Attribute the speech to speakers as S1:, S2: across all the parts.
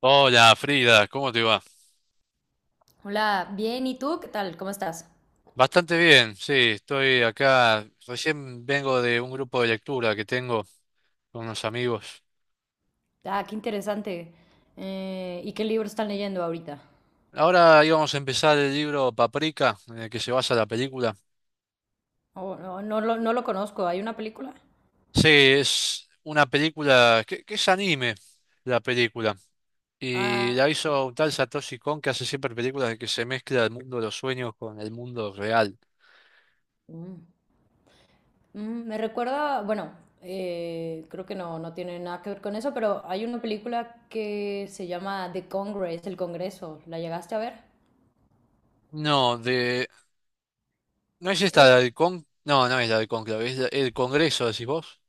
S1: Hola Frida, ¿cómo te va?
S2: Hola, bien, ¿y tú? ¿Qué tal? ¿Cómo estás?
S1: Bastante bien, sí, estoy acá. Recién vengo de un grupo de lectura que tengo con unos amigos.
S2: Ah, qué interesante. ¿Y qué libro están leyendo ahorita?
S1: Ahora íbamos a empezar el libro Paprika, en el que se basa la película.
S2: Oh, no lo conozco. ¿Hay una película?
S1: Sí, es una película que es anime, la película. Y
S2: Ah,
S1: la hizo un tal Satoshi Kon que hace siempre películas en que se mezcla el mundo de los sueños con el mundo real.
S2: mm, Me recuerda, bueno, creo que no tiene nada que ver con eso, pero hay una película que se llama The Congress, El Congreso. ¿La llegaste a ver?
S1: No, ¿no es esta
S2: Eh,
S1: la del Con? No, no es la del Conclave, es el Congreso, decís vos.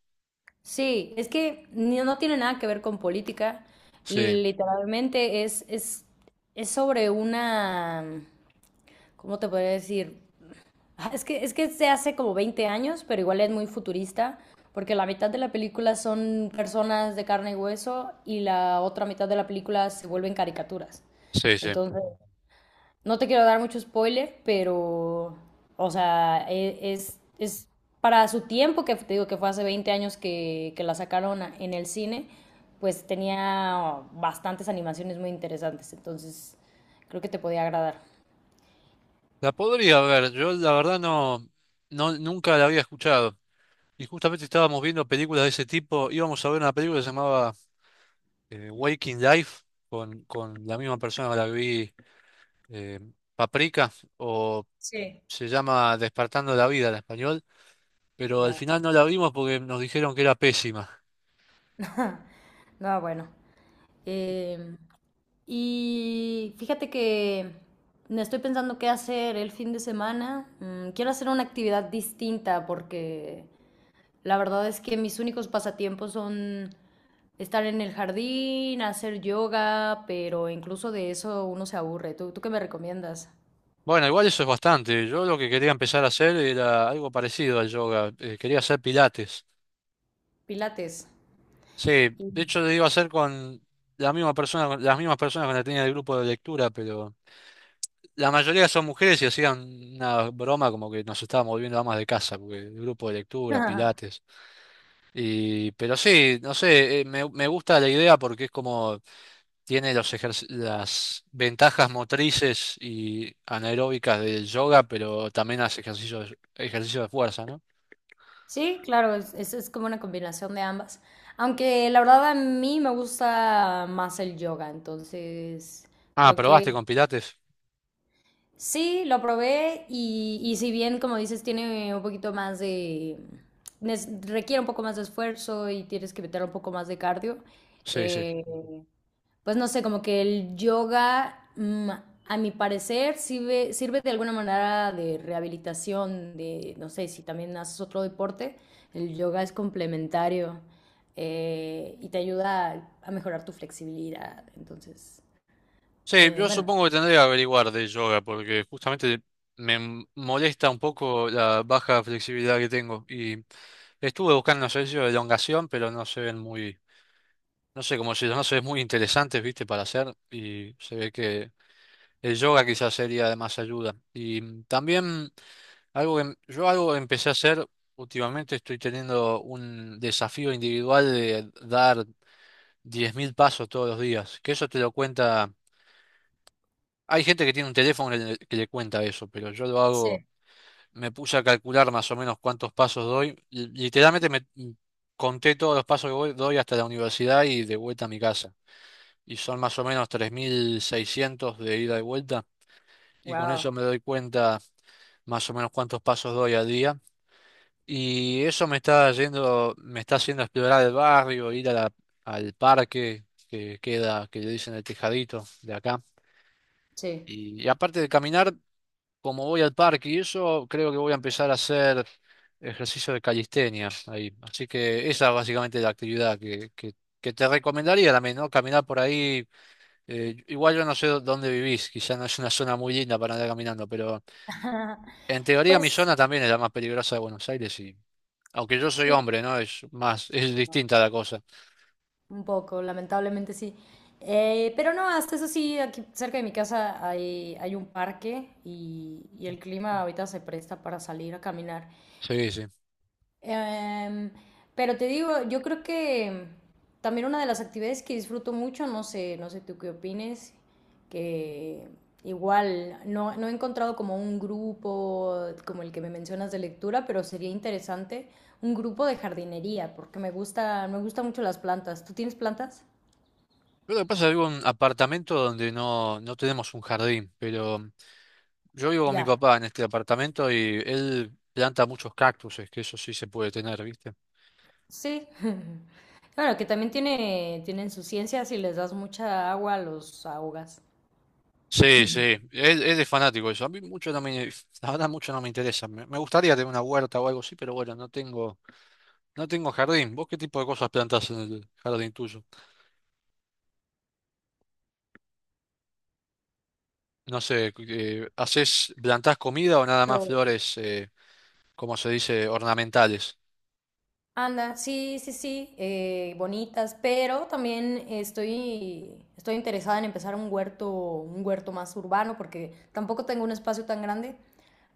S2: Sí, es que ni- no tiene nada que ver con política.
S1: Sí,
S2: Literalmente es sobre una... ¿cómo te podría decir? Ah, es que se hace como 20 años, pero igual es muy futurista, porque la mitad de la película son personas de carne y hueso y la otra mitad de la película se vuelven caricaturas.
S1: sí, sí.
S2: Entonces, no te quiero dar mucho spoiler, pero, o sea, es para su tiempo, que te digo que fue hace 20 años que la sacaron en el cine, pues tenía bastantes animaciones muy interesantes, entonces creo que te podía agradar.
S1: La podría ver, yo la verdad no, no, nunca la había escuchado. Y justamente estábamos viendo películas de ese tipo, íbamos a ver una película que se llamaba Waking Life, con la misma persona que la que vi, eh, Paprika, o
S2: Sí.
S1: se llama Despertando la Vida en español, pero al
S2: Ya.
S1: final no la vimos porque nos dijeron que era pésima.
S2: No, bueno. Em, y fíjate que me estoy pensando qué hacer el fin de semana. Mm, quiero hacer una actividad distinta porque la verdad es que mis únicos pasatiempos son estar en el jardín, hacer yoga, pero incluso de eso uno se aburre. ¿Tú qué me recomiendas?
S1: Bueno, igual eso es bastante, yo lo que quería empezar a hacer era algo parecido al yoga, quería hacer pilates.
S2: Pilates.
S1: Sí, de
S2: Y-
S1: hecho lo iba a hacer con la misma persona, con las mismas personas con las que tenía el grupo de lectura, pero la mayoría son mujeres y hacían una broma como que nos estábamos volviendo amas de casa, porque el grupo de lectura, pilates. Y, pero sí, no sé, me gusta la idea porque es como tiene los las ventajas motrices y anaeróbicas del yoga, pero también hace ejercicios, ejercicio de fuerza, ¿no?
S2: Sí, claro, es como una combinación de ambas. Aunque la verdad a mí me gusta más el yoga, entonces
S1: Ah,
S2: creo
S1: ¿probaste
S2: que
S1: con pilates?
S2: sí, lo probé y si bien, como dices, tiene un poquito más de... requiere un poco más de esfuerzo y tienes que meter un poco más de cardio,
S1: Sí, sí.
S2: eh, pues no sé, como que el yoga, mm, a mi parecer, sirve de alguna manera de rehabilitación, de, no sé, si también haces otro deporte, el yoga es complementario, y te ayuda a mejorar tu flexibilidad. Entonces,
S1: Sí, yo
S2: bueno.
S1: supongo que tendría que averiguar de yoga porque justamente me molesta un poco la baja flexibilidad que tengo y estuve buscando unos ejercicios de elongación, pero no se ven muy, no sé, como si no se ven muy interesantes, viste, para hacer y se ve que el yoga quizás sería de más ayuda. Y también algo que yo algo que empecé a hacer últimamente estoy teniendo un desafío individual de dar 10.000 pasos todos los días, que eso te lo cuenta. Hay gente que tiene un teléfono que le cuenta eso, pero yo lo hago,
S2: Sí.
S1: me puse a calcular más o menos cuántos pasos doy. Literalmente conté todos los pasos que doy hasta la universidad y de vuelta a mi casa. Y son más o menos 3.600 de ida y vuelta. Y con eso
S2: Wow.
S1: me doy cuenta más o menos cuántos pasos doy al día. Y eso me está yendo, me está haciendo explorar el barrio, ir a al parque que queda, que le dicen el Tejadito de acá.
S2: Sí.
S1: Y aparte de caminar, como voy al parque y eso, creo que voy a empezar a hacer ejercicio de calistenia ahí. Así que esa es básicamente la actividad que te recomendaría también, ¿no? Caminar por ahí. Igual yo no sé dónde vivís, quizá no es una zona muy linda para andar caminando, pero en teoría mi
S2: Pues
S1: zona también es la más peligrosa de Buenos Aires y aunque yo soy
S2: sí.
S1: hombre, ¿no? Es más, es distinta la cosa.
S2: Un poco, lamentablemente sí. Pero no, hasta eso sí, aquí cerca de mi casa hay un parque y el clima ahorita se presta para salir a caminar.
S1: Sí, sí.
S2: Em, pero te digo, yo creo que también una de las actividades que disfruto mucho, no sé, no sé tú qué opines, que igual no he encontrado como un grupo como el que me mencionas de lectura, pero sería interesante un grupo de jardinería, porque me me gustan mucho las plantas. ¿Tú tienes plantas?
S1: Pero lo que pasa es que vivo en un apartamento donde no, no tenemos un jardín, pero yo vivo con mi
S2: Ya,
S1: papá en este apartamento y él planta muchos cactuses, que eso sí se puede tener, ¿viste?
S2: sí. Claro, que también tienen su ciencia, si les das mucha agua, los ahogas.
S1: Sí, sí, él es fanático de eso. A mí mucho no me, la verdad mucho no me interesa. Me gustaría tener una huerta o algo así, pero bueno, no tengo, no tengo jardín. ¿Vos qué tipo de cosas plantás en el jardín tuyo? No sé, ¿hacés, plantás comida o nada más
S2: Pero,
S1: flores, como se dice, ornamentales?
S2: anda, sí, sí, sí, bonitas, pero también estoy interesada en empezar un huerto más urbano, porque tampoco tengo un espacio tan grande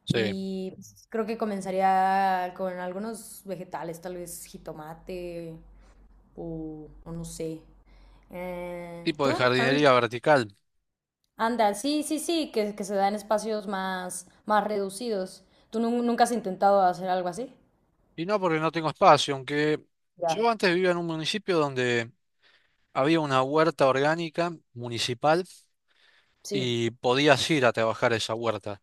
S1: Sí,
S2: y pues, creo que comenzaría con algunos vegetales, tal vez jitomate o no sé.
S1: tipo de
S2: ¿Tú?
S1: jardinería vertical.
S2: Anda, sí, sí, sí, que se da en espacios más, más reducidos. ¿Tú nunca has intentado hacer algo así?
S1: Y no porque no tengo espacio, aunque
S2: Ya,
S1: yo antes vivía en un municipio donde había una huerta orgánica municipal
S2: sí.
S1: y podías ir a trabajar esa huerta.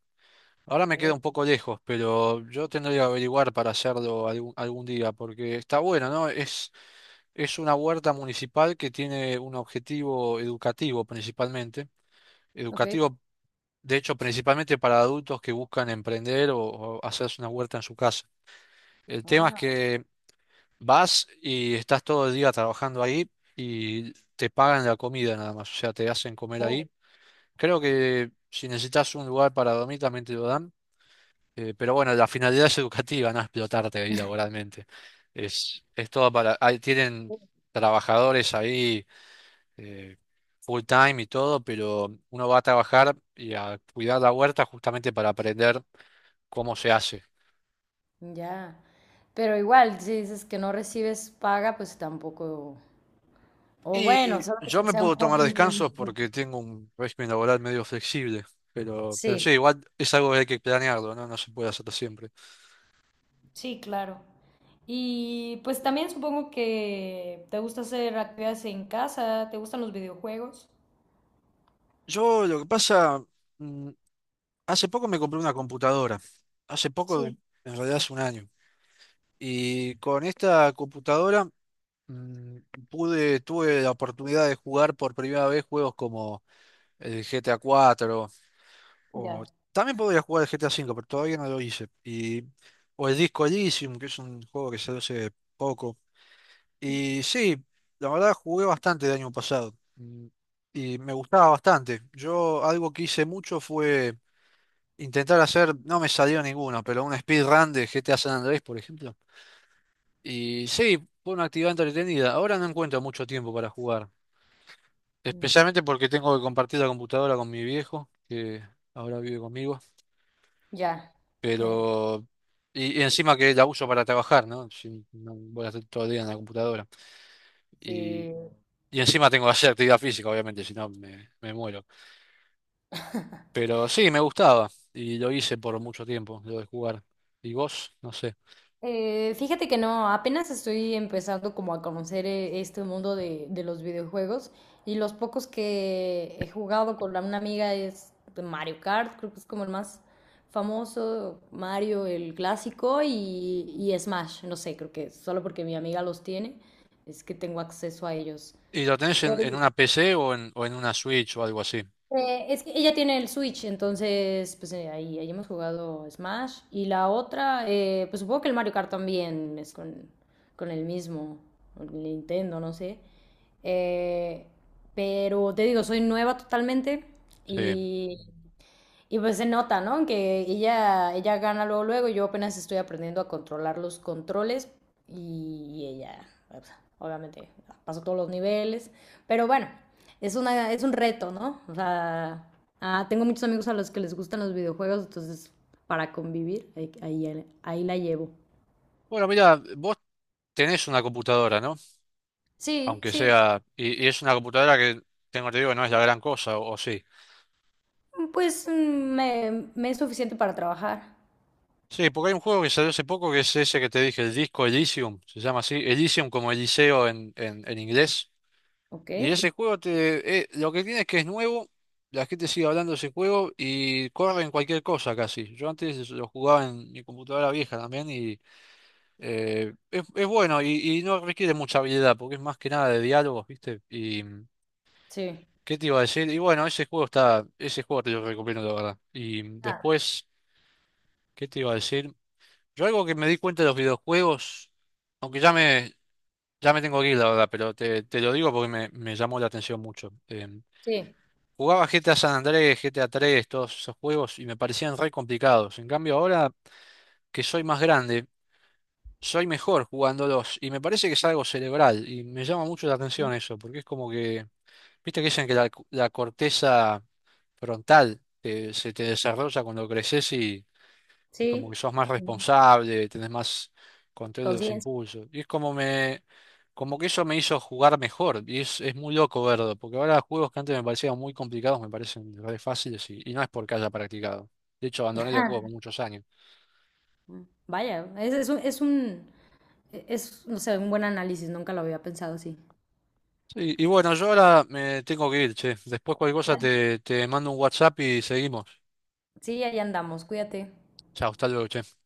S1: Ahora me
S2: Ok,
S1: queda un poco lejos, pero yo tendría que averiguar para hacerlo algún día, porque está bueno, ¿no? Es una huerta municipal que tiene un objetivo educativo principalmente,
S2: ok.
S1: educativo, de hecho, principalmente para adultos que buscan emprender o hacerse una huerta en su casa. El tema es
S2: Ah,
S1: que vas y estás todo el día trabajando ahí y te pagan la comida nada más, o sea, te hacen comer
S2: oh,
S1: ahí. Creo que si necesitas un lugar para dormir también te lo dan, pero bueno, la finalidad es educativa, no explotarte ahí laboralmente. Es todo ahí tienen trabajadores ahí eh, full time y todo, pero uno va a trabajar y a cuidar la huerta justamente para aprender cómo se hace.
S2: ya. Pero igual, si dices que no recibes paga, pues tampoco. O
S1: Y
S2: bueno, solo
S1: yo
S2: que
S1: me
S2: sea un
S1: puedo tomar
S2: hobby muy...
S1: descansos porque tengo un régimen laboral medio flexible, pero sí,
S2: Sí,
S1: igual es algo que hay que planearlo, ¿no? No se puede hacer siempre.
S2: sí, claro. Y pues también supongo que te gusta hacer actividades en casa, te gustan los videojuegos.
S1: Yo lo que pasa... mm, Hace poco me compré una computadora. Hace
S2: Sí,
S1: poco, en realidad hace un año. Y con esta computadora mm, pude, tuve la oportunidad de jugar por primera vez juegos como el GTA 4 o
S2: ya.
S1: también podría jugar el GTA 5 pero todavía no lo hice. Y, o el Disco Elysium, que es un juego que salió hace poco. Y sí, la verdad jugué bastante el año pasado. Y me gustaba bastante. Yo algo que hice mucho fue intentar hacer, no me salió ninguno, pero un speedrun de GTA San Andrés, por ejemplo. Y sí, fue una actividad entretenida. Ahora no encuentro mucho tiempo para jugar,
S2: Mm.
S1: especialmente porque tengo que compartir la computadora con mi viejo, que ahora vive conmigo,
S2: Ya.
S1: pero... Y encima que la uso para trabajar, ¿no? Si no voy a estar todo el día en la computadora. Y,
S2: Sí.
S1: y encima tengo que hacer actividad física, obviamente, si no me muero. Pero sí, me gustaba y lo hice por mucho tiempo, lo de jugar. ¿Y vos? No sé.
S2: Fíjate que no, apenas estoy empezando como a conocer, este mundo de los videojuegos y los pocos que he jugado con una amiga es de Mario Kart, creo que es como el más famoso, Mario el clásico y Smash, no sé, creo que solo porque mi amiga los tiene es que tengo acceso a ellos.
S1: ¿Y lo tenés en una PC o en una Switch o algo así?
S2: Es que ella tiene el Switch, entonces pues ahí hemos jugado Smash. Y la otra, pues supongo que el Mario Kart también es con el mismo, con el Nintendo, no sé. Eh, pero te digo, soy nueva totalmente
S1: Sí.
S2: y y pues se nota, ¿no? Que ella gana luego, luego, yo apenas estoy aprendiendo a controlar los controles y ella, pues, obviamente, pasó todos los niveles, pero bueno, es un reto, ¿no? O sea, tengo muchos amigos a los que les gustan los videojuegos, entonces para convivir, ahí, ahí, ahí la llevo.
S1: Bueno, mira, vos tenés una computadora, ¿no?
S2: Sí,
S1: Aunque
S2: sí,
S1: sea. Y es una computadora que, tengo te digo, no es la gran cosa, o sí.
S2: pues mm, me es suficiente para trabajar,
S1: Sí, porque hay un juego que salió hace poco que es ese que te dije, el disco Elysium, se llama así. Elysium como Eliseo en inglés.
S2: ¿ok?
S1: Y ese juego lo que tiene es que es nuevo, la gente sigue hablando de ese juego y corre en cualquier cosa casi. Yo antes lo jugaba en mi computadora vieja también y es bueno y no requiere mucha habilidad porque es más que nada de diálogos, ¿viste? Y
S2: Sí.
S1: ¿qué te iba a decir? Y bueno, ese juego está, ese juego te lo recomiendo, la verdad. Y
S2: Ah,
S1: después, ¿qué te iba a decir? Yo algo que me di cuenta de los videojuegos, aunque ya me tengo que ir, la verdad, pero te lo digo porque me llamó la atención mucho.
S2: sí,
S1: Jugaba GTA San Andrés, GTA 3, todos esos juegos y me parecían re complicados. En cambio, ahora que soy más grande, soy mejor jugándolos y me parece que es algo cerebral y me llama mucho la atención eso, porque es como que, viste que dicen que la corteza frontal se te desarrolla cuando creces y como que
S2: sí,
S1: sos más responsable, tenés más control de los
S2: conciencia.
S1: impulsos. Y es como como que eso me hizo jugar mejor y es muy loco verlo, porque ahora juegos que antes me parecían muy complicados me parecen re fáciles y no es porque haya practicado. De hecho, abandoné los juegos por muchos años.
S2: Vaya, es un, es, no sé, un buen análisis, nunca lo había pensado así.
S1: Y bueno, yo ahora me tengo que ir, che. Después cualquier cosa
S2: Dale.
S1: te mando un WhatsApp y seguimos.
S2: Sí, ahí andamos, cuídate.
S1: Chao, hasta luego, che.